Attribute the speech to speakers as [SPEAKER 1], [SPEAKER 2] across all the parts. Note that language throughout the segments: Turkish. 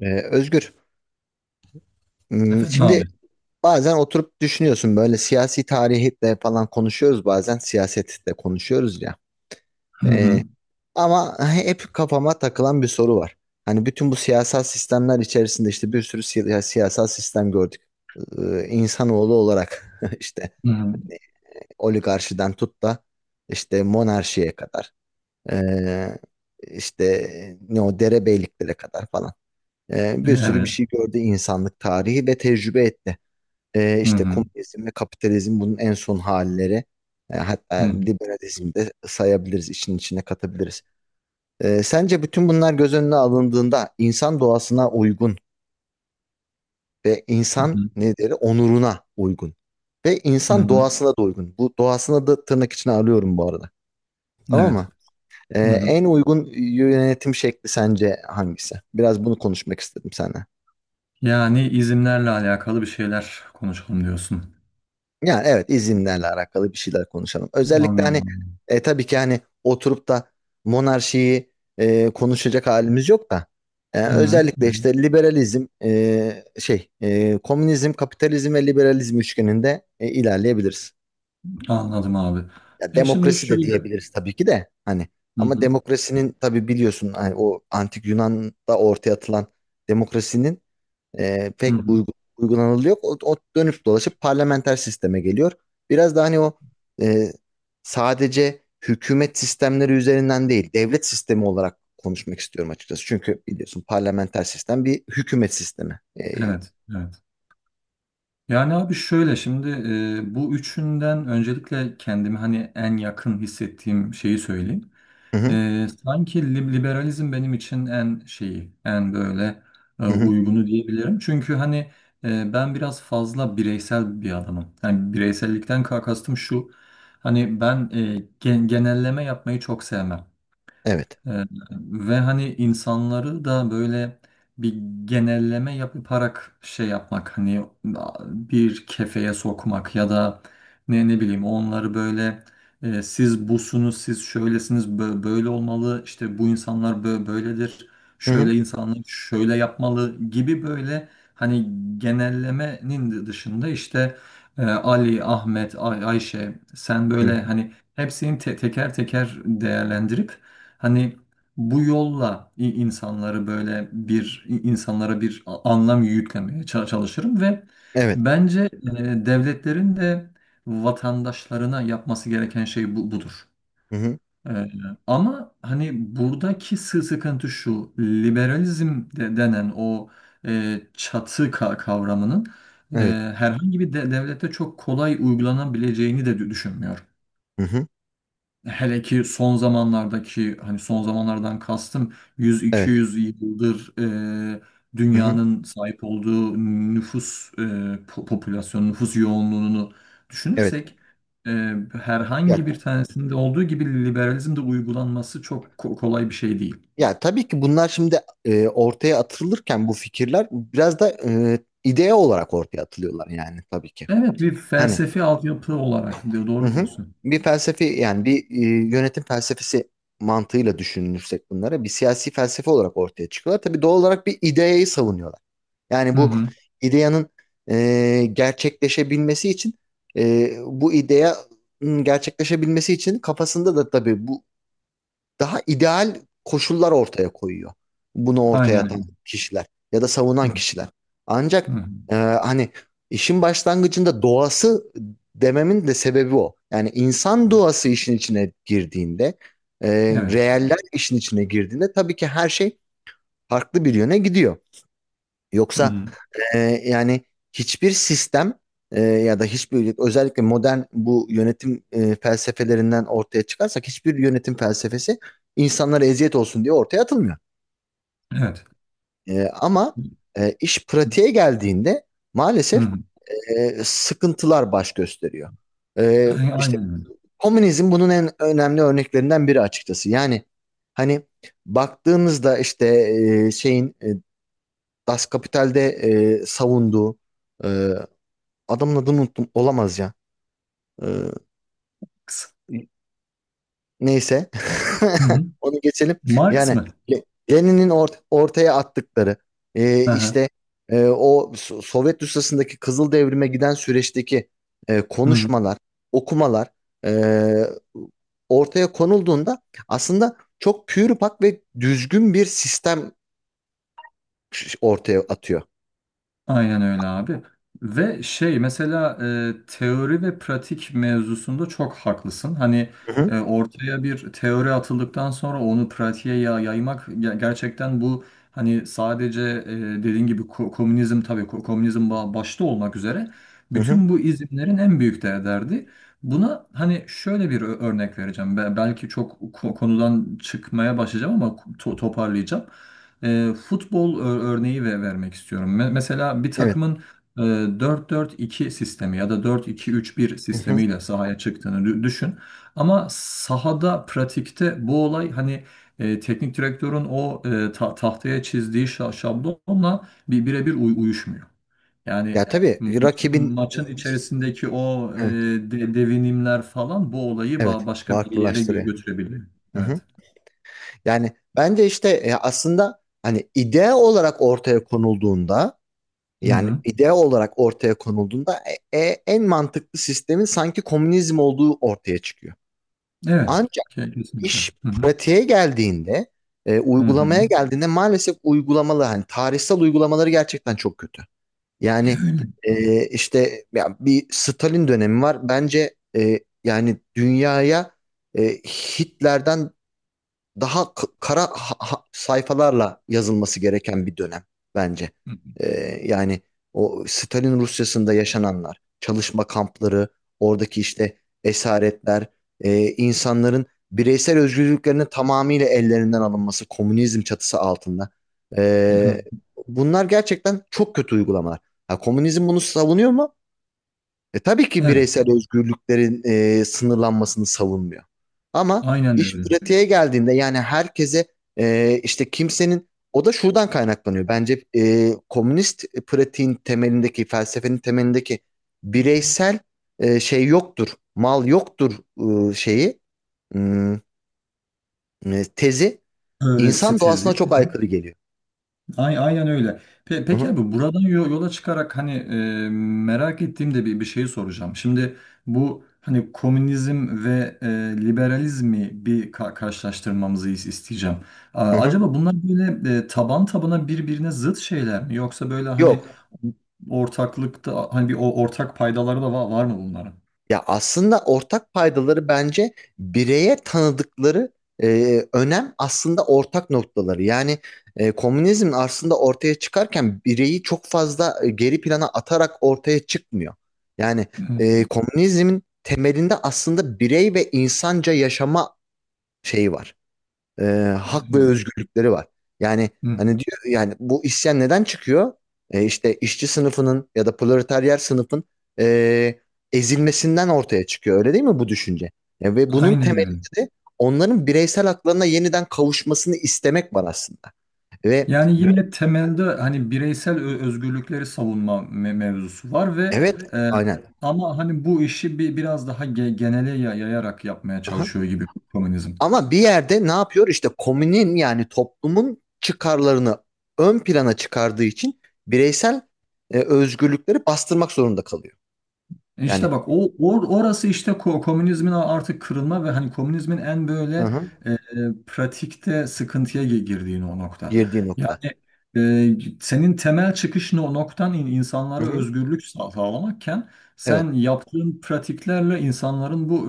[SPEAKER 1] Özgür,
[SPEAKER 2] Efendim
[SPEAKER 1] şimdi
[SPEAKER 2] abi.
[SPEAKER 1] bazen oturup düşünüyorsun böyle siyasi tarihle falan konuşuyoruz bazen siyasetle konuşuyoruz ya.
[SPEAKER 2] Hı hı.
[SPEAKER 1] Ee, ama hep kafama takılan bir soru var. Hani bütün bu siyasal sistemler içerisinde işte bir sürü siyasal sistem gördük. İnsanoğlu olarak işte
[SPEAKER 2] Hı hı.
[SPEAKER 1] oligarşiden tut da işte monarşiye kadar ee, işte ne o derebeyliklere kadar falan. Bir sürü bir
[SPEAKER 2] Evet.
[SPEAKER 1] şey gördü insanlık tarihi ve tecrübe etti.
[SPEAKER 2] Hı
[SPEAKER 1] İşte
[SPEAKER 2] hı.
[SPEAKER 1] komünizm ve kapitalizm bunun en son halleri. Hatta
[SPEAKER 2] Hı hı.
[SPEAKER 1] liberalizm de sayabiliriz, işin içine katabiliriz. Sence bütün bunlar göz önüne alındığında insan doğasına uygun ve
[SPEAKER 2] Hı
[SPEAKER 1] insan
[SPEAKER 2] hı.
[SPEAKER 1] ne deri onuruna uygun ve
[SPEAKER 2] Hı
[SPEAKER 1] insan
[SPEAKER 2] hı.
[SPEAKER 1] doğasına da uygun. Bu doğasına da tırnak içine alıyorum bu arada. Tamam mı?
[SPEAKER 2] Evet. Hı hı.
[SPEAKER 1] En uygun yönetim şekli sence hangisi? Biraz bunu konuşmak istedim seninle.
[SPEAKER 2] Yani izimlerle alakalı bir şeyler konuşalım diyorsun.
[SPEAKER 1] Yani evet izinlerle alakalı bir şeyler konuşalım. Özellikle hani
[SPEAKER 2] Anladım.
[SPEAKER 1] tabii ki hani oturup da monarşiyi konuşacak halimiz yok da
[SPEAKER 2] Hı hı. Hı
[SPEAKER 1] özellikle
[SPEAKER 2] hı.
[SPEAKER 1] işte liberalizm komünizm, kapitalizm ve liberalizm üçgeninde ilerleyebiliriz.
[SPEAKER 2] Anladım abi.
[SPEAKER 1] Ya
[SPEAKER 2] Ya şimdi
[SPEAKER 1] demokrasi de
[SPEAKER 2] şöyle.
[SPEAKER 1] diyebiliriz tabii ki de hani
[SPEAKER 2] Hı
[SPEAKER 1] ama
[SPEAKER 2] hı.
[SPEAKER 1] demokrasinin tabii biliyorsun hani o antik Yunan'da ortaya atılan demokrasinin
[SPEAKER 2] Hı hı.
[SPEAKER 1] uygulanılıyor. Yok. O dönüp dolaşıp parlamenter sisteme geliyor. Biraz daha hani o e, sadece hükümet sistemleri üzerinden değil, devlet sistemi olarak konuşmak istiyorum açıkçası. Çünkü biliyorsun parlamenter sistem bir hükümet sistemi. E,
[SPEAKER 2] Evet. Evet. Yani abi şöyle şimdi bu üçünden öncelikle kendimi hani en yakın hissettiğim şeyi söyleyeyim.
[SPEAKER 1] hı hı,
[SPEAKER 2] Sanki liberalizm benim için en şeyi, en böyle
[SPEAKER 1] hı hı,
[SPEAKER 2] uygunu diyebilirim. Çünkü hani ben biraz fazla bireysel bir adamım. Yani bireysellikten kastım şu, hani ben genelleme yapmayı çok sevmem.
[SPEAKER 1] evet.
[SPEAKER 2] Ee, ve hani insanları da böyle bir genelleme yaparak şey yapmak hani bir kefeye sokmak ya da ne bileyim onları böyle siz busunuz siz şöylesiniz böyle olmalı işte bu insanlar böyledir
[SPEAKER 1] Hı hı,
[SPEAKER 2] şöyle insanlar şöyle yapmalı gibi böyle hani genellemenin dışında işte Ali, Ahmet, Ayşe sen
[SPEAKER 1] hı
[SPEAKER 2] böyle
[SPEAKER 1] hı,
[SPEAKER 2] hani hepsini teker teker değerlendirip hani bu yolla insanları böyle bir insanlara bir anlam yüklemeye çalışırım ve
[SPEAKER 1] evet.
[SPEAKER 2] bence devletlerin de vatandaşlarına yapması gereken şey bu, budur.
[SPEAKER 1] Hı hı,
[SPEAKER 2] E, ama hani buradaki sıkıntı şu, liberalizm de, denen o çatı kavramının e,
[SPEAKER 1] evet.
[SPEAKER 2] herhangi bir devlette çok kolay uygulanabileceğini de düşünmüyorum.
[SPEAKER 1] Hı hı,
[SPEAKER 2] Hele ki son zamanlardaki hani son zamanlardan kastım yüz iki
[SPEAKER 1] evet.
[SPEAKER 2] yüz yıldır e,
[SPEAKER 1] Hı hı,
[SPEAKER 2] dünyanın sahip olduğu nüfus popülasyon, nüfus yoğunluğunu
[SPEAKER 1] evet.
[SPEAKER 2] düşünürsek e, herhangi
[SPEAKER 1] Ya
[SPEAKER 2] bir tanesinde olduğu gibi liberalizmde uygulanması çok kolay bir şey değil.
[SPEAKER 1] Ya tabii ki bunlar şimdi ortaya atılırken bu fikirler biraz da idea olarak ortaya atılıyorlar yani tabii ki.
[SPEAKER 2] Evet, bir
[SPEAKER 1] Hani
[SPEAKER 2] felsefi altyapı olarak
[SPEAKER 1] hı
[SPEAKER 2] doğru
[SPEAKER 1] hı.
[SPEAKER 2] diyorsun.
[SPEAKER 1] Bir felsefi yani bir yönetim felsefesi mantığıyla düşünürsek bunlara bir siyasi felsefe olarak ortaya çıkıyorlar. Tabii doğal olarak bir ideayı savunuyorlar. Yani
[SPEAKER 2] Hı
[SPEAKER 1] bu
[SPEAKER 2] hı,
[SPEAKER 1] ideyanın e, gerçekleşebilmesi için bu ideyanın gerçekleşebilmesi için kafasında da tabii bu daha ideal koşullar ortaya koyuyor. Bunu ortaya
[SPEAKER 2] aynen öyle.
[SPEAKER 1] atan kişiler ya da
[SPEAKER 2] Hı,
[SPEAKER 1] savunan kişiler. Ancak
[SPEAKER 2] hı,
[SPEAKER 1] hani işin başlangıcında doğası dememin de sebebi o. Yani insan
[SPEAKER 2] hı.
[SPEAKER 1] doğası işin içine girdiğinde, e,
[SPEAKER 2] Evet.
[SPEAKER 1] reeller işin içine girdiğinde tabii ki her şey farklı bir yöne gidiyor.
[SPEAKER 2] Hı
[SPEAKER 1] Yoksa
[SPEAKER 2] hı,
[SPEAKER 1] ee, yani hiçbir sistem ya da hiçbir özellikle modern bu yönetim felsefelerinden ortaya çıkarsak hiçbir yönetim felsefesi insanlara eziyet olsun diye ortaya atılmıyor.
[SPEAKER 2] evet.
[SPEAKER 1] E, ama iş
[SPEAKER 2] Hı
[SPEAKER 1] pratiğe geldiğinde maalesef
[SPEAKER 2] hı.
[SPEAKER 1] sıkıntılar baş gösteriyor. İşte
[SPEAKER 2] Aynen öyle.
[SPEAKER 1] komünizm bunun en önemli örneklerinden biri açıkçası. Yani hani baktığımızda işte e, şeyin e, Das Kapital'de savunduğu e, adamın adını unuttum. Olamaz ya. Ee,
[SPEAKER 2] Kısa.
[SPEAKER 1] neyse.
[SPEAKER 2] Hı hı.
[SPEAKER 1] Onu geçelim.
[SPEAKER 2] Marx
[SPEAKER 1] Yani
[SPEAKER 2] mı?
[SPEAKER 1] Le- Lenin'in ortaya attıkları e,
[SPEAKER 2] Aha.
[SPEAKER 1] işte o Sovyet Rusyası'ndaki Kızıl Devrim'e giden süreçteki
[SPEAKER 2] Hı hı.
[SPEAKER 1] konuşmalar, okumalar e, ortaya konulduğunda aslında çok pür pak ve düzgün bir sistem ortaya atıyor.
[SPEAKER 2] Aynen öyle abi. Ve şey mesela teori ve pratik mevzusunda çok haklısın. Hani
[SPEAKER 1] Hı hı.
[SPEAKER 2] ortaya bir teori atıldıktan sonra onu pratiğe yaymak gerçekten bu hani sadece dediğin gibi komünizm tabii komünizm başta olmak üzere
[SPEAKER 1] Hı hı.
[SPEAKER 2] bütün bu izimlerin en büyük de derdi. Buna hani şöyle bir örnek vereceğim. Belki çok konudan çıkmaya başlayacağım ama toparlayacağım. Futbol örneği ve vermek istiyorum. Mesela bir
[SPEAKER 1] Evet.
[SPEAKER 2] takımın e, dört 4 2 sistemi ya da 4-2-3-1
[SPEAKER 1] Hı hı.
[SPEAKER 2] sistemiyle sahaya çıktığını düşün. Ama sahada, pratikte bu olay hani teknik direktörün o tahtaya çizdiği şablonla birebir uyuşmuyor.
[SPEAKER 1] Ya
[SPEAKER 2] Yani
[SPEAKER 1] tabii
[SPEAKER 2] maçın,
[SPEAKER 1] rakibin
[SPEAKER 2] maçın içerisindeki o
[SPEAKER 1] evet,
[SPEAKER 2] devinimler falan bu olayı
[SPEAKER 1] evet
[SPEAKER 2] başka bir yere
[SPEAKER 1] farklılaştırıyor.
[SPEAKER 2] götürebiliyor.
[SPEAKER 1] Hı hı.
[SPEAKER 2] Evet.
[SPEAKER 1] Yani bence işte aslında hani idea olarak ortaya konulduğunda
[SPEAKER 2] Hı
[SPEAKER 1] yani
[SPEAKER 2] hı.
[SPEAKER 1] idea olarak ortaya konulduğunda en mantıklı sistemin sanki komünizm olduğu ortaya çıkıyor.
[SPEAKER 2] Evet.
[SPEAKER 1] Ancak
[SPEAKER 2] Kesinlikle.
[SPEAKER 1] iş
[SPEAKER 2] Hı hı.
[SPEAKER 1] pratiğe geldiğinde
[SPEAKER 2] Hı hı.
[SPEAKER 1] uygulamaya geldiğinde maalesef uygulamalı hani tarihsel uygulamaları gerçekten çok kötü. Yani
[SPEAKER 2] Öyle.
[SPEAKER 1] işte ya bir Stalin dönemi var. Bence yani dünyaya Hitler'den daha kara sayfalarla yazılması gereken bir dönem bence.
[SPEAKER 2] Hı hı.
[SPEAKER 1] Ee, yani o Stalin Rusyası'nda yaşananlar, çalışma kampları, oradaki işte esaretler, insanların bireysel özgürlüklerinin tamamıyla ellerinden alınması, komünizm çatısı altında.
[SPEAKER 2] Hı hı.
[SPEAKER 1] Ee, bunlar gerçekten çok kötü uygulamalar. Ha, komünizm bunu savunuyor mu? Tabii ki
[SPEAKER 2] Evet,
[SPEAKER 1] bireysel özgürlüklerin sınırlanmasını savunmuyor. Ama
[SPEAKER 2] aynen
[SPEAKER 1] iş
[SPEAKER 2] öyle.
[SPEAKER 1] pratiğe geldiğinde yani herkese işte kimsenin o da şuradan kaynaklanıyor. Bence komünist pratiğin temelindeki felsefenin temelindeki bireysel şey yoktur, mal yoktur e, şeyi hmm, tezi
[SPEAKER 2] Öğretisi
[SPEAKER 1] insan
[SPEAKER 2] tezi.
[SPEAKER 1] doğasına
[SPEAKER 2] Hı
[SPEAKER 1] çok
[SPEAKER 2] hı.
[SPEAKER 1] aykırı geliyor.
[SPEAKER 2] Aynen öyle. Pe
[SPEAKER 1] Hı
[SPEAKER 2] peki
[SPEAKER 1] hı,
[SPEAKER 2] abi buradan yola çıkarak hani merak ettiğimde bir şeyi soracağım. Şimdi bu hani komünizm ve liberalizmi bir karşılaştırmamızı isteyeceğim. A-
[SPEAKER 1] hı hı.
[SPEAKER 2] acaba bunlar böyle taban tabana birbirine zıt şeyler mi? Yoksa böyle hani
[SPEAKER 1] Yok.
[SPEAKER 2] ortaklıkta hani bir ortak paydaları da var mı bunların?
[SPEAKER 1] Ya aslında ortak paydaları bence bireye tanıdıkları önem aslında ortak noktaları. Yani komünizm aslında ortaya çıkarken bireyi çok fazla geri plana atarak ortaya çıkmıyor. Yani
[SPEAKER 2] Hı,
[SPEAKER 1] komünizmin temelinde aslında birey ve insanca yaşama şeyi var e, hak ve
[SPEAKER 2] evet.
[SPEAKER 1] özgürlükleri var. Yani
[SPEAKER 2] Hı.
[SPEAKER 1] hani diyor yani bu isyan neden çıkıyor? İşte işçi sınıfının ya da proletaryer sınıfın e, ezilmesinden ortaya çıkıyor. Öyle değil mi bu düşünce? Ve bunun
[SPEAKER 2] Aynen
[SPEAKER 1] temelinde
[SPEAKER 2] öyle.
[SPEAKER 1] de onların bireysel haklarına yeniden kavuşmasını istemek var aslında. Ve
[SPEAKER 2] Yani yine temelde hani bireysel özgürlükleri savunma mevzusu var ve
[SPEAKER 1] evet
[SPEAKER 2] e,
[SPEAKER 1] aynen.
[SPEAKER 2] ama hani bu işi biraz daha genele yayarak yapmaya
[SPEAKER 1] Aha.
[SPEAKER 2] çalışıyor gibi komünizm.
[SPEAKER 1] Ama bir yerde ne yapıyor? İşte komünün yani toplumun çıkarlarını ön plana çıkardığı için bireysel özgürlükleri bastırmak zorunda kalıyor. Yani
[SPEAKER 2] İşte bak o orası işte komünizmin artık kırılma ve hani komünizmin en
[SPEAKER 1] hı
[SPEAKER 2] böyle
[SPEAKER 1] hı.
[SPEAKER 2] e, e, pratikte sıkıntıya girdiğini o nokta.
[SPEAKER 1] Girdiği nokta.
[SPEAKER 2] Yani senin temel çıkış noktan
[SPEAKER 1] Hı
[SPEAKER 2] insanlara
[SPEAKER 1] hı.
[SPEAKER 2] özgürlük sağlamakken
[SPEAKER 1] Evet.
[SPEAKER 2] sen yaptığın pratiklerle insanların bu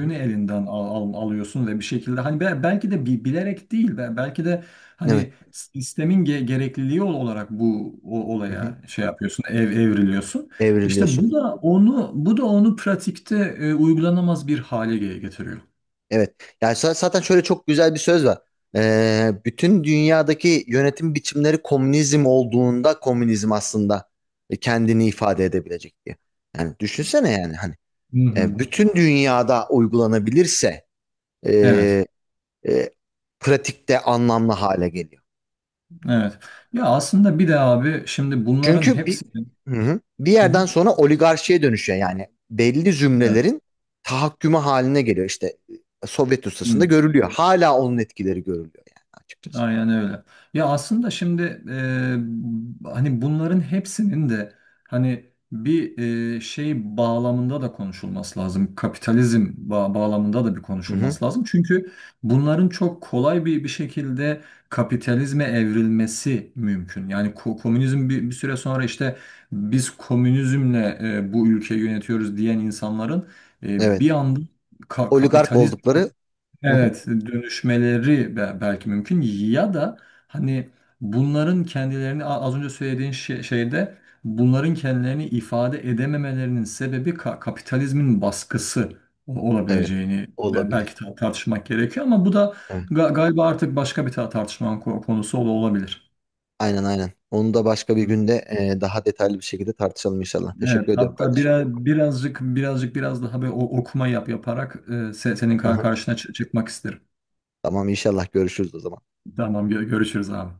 [SPEAKER 1] Hı hı.
[SPEAKER 2] elinden alıyorsun ve bir şekilde hani belki de bilerek değil belki de
[SPEAKER 1] Evet.
[SPEAKER 2] hani sistemin gerekliliği olarak bu
[SPEAKER 1] Hı hı.
[SPEAKER 2] olaya şey yapıyorsun evriliyorsun. İşte
[SPEAKER 1] Evriliyorsun.
[SPEAKER 2] bu da onu pratikte uygulanamaz bir hale getiriyor.
[SPEAKER 1] Evet. Yani zaten şöyle çok güzel bir söz var. Bütün dünyadaki yönetim biçimleri komünizm olduğunda komünizm aslında kendini ifade edebilecek diye. Yani düşünsene yani hani
[SPEAKER 2] Hı hı.
[SPEAKER 1] bütün dünyada uygulanabilirse e,
[SPEAKER 2] Evet.
[SPEAKER 1] e, pratikte anlamlı hale geliyor.
[SPEAKER 2] Evet. Ya aslında bir de abi şimdi bunların
[SPEAKER 1] Çünkü bir
[SPEAKER 2] hepsi.
[SPEAKER 1] hı hı. Bir
[SPEAKER 2] Hı hı,
[SPEAKER 1] yerden sonra oligarşiye dönüşüyor yani belli
[SPEAKER 2] evet.
[SPEAKER 1] zümrelerin tahakkümü haline geliyor işte Sovyet ustasında
[SPEAKER 2] Hı.
[SPEAKER 1] görülüyor. Hala onun etkileri görülüyor yani açıkçası.
[SPEAKER 2] Aynen öyle. Ya aslında şimdi hani bunların hepsinin de hani bir şey bağlamında da konuşulması lazım. Kapitalizm bağlamında da bir
[SPEAKER 1] Hı hı.
[SPEAKER 2] konuşulması lazım. Çünkü bunların çok kolay bir şekilde kapitalizme evrilmesi mümkün. Yani komünizm bir süre sonra işte biz komünizmle bu ülkeyi yönetiyoruz diyen insanların
[SPEAKER 1] Evet.
[SPEAKER 2] bir anda
[SPEAKER 1] Oligark
[SPEAKER 2] kapitalizm,
[SPEAKER 1] oldukları hı hı.
[SPEAKER 2] evet, dönüşmeleri belki mümkün ya da hani bunların kendilerini az önce söylediğin şeyde bunların kendilerini ifade edememelerinin sebebi kapitalizmin baskısı
[SPEAKER 1] Evet.
[SPEAKER 2] olabileceğini
[SPEAKER 1] Olabilir.
[SPEAKER 2] belki tartışmak gerekiyor ama bu da
[SPEAKER 1] Evet.
[SPEAKER 2] galiba artık başka bir tartışmanın konusu olabilir.
[SPEAKER 1] Aynen aynen. Onu da başka bir
[SPEAKER 2] Hı.
[SPEAKER 1] günde daha detaylı bir şekilde tartışalım inşallah.
[SPEAKER 2] Evet,
[SPEAKER 1] Teşekkür ediyorum
[SPEAKER 2] hatta
[SPEAKER 1] kardeşim.
[SPEAKER 2] biraz birazcık birazcık biraz daha bir okuma yaparak senin
[SPEAKER 1] Hı hı.
[SPEAKER 2] karşına çıkmak isterim.
[SPEAKER 1] Tamam inşallah görüşürüz o zaman.
[SPEAKER 2] Tamam, görüşürüz abi.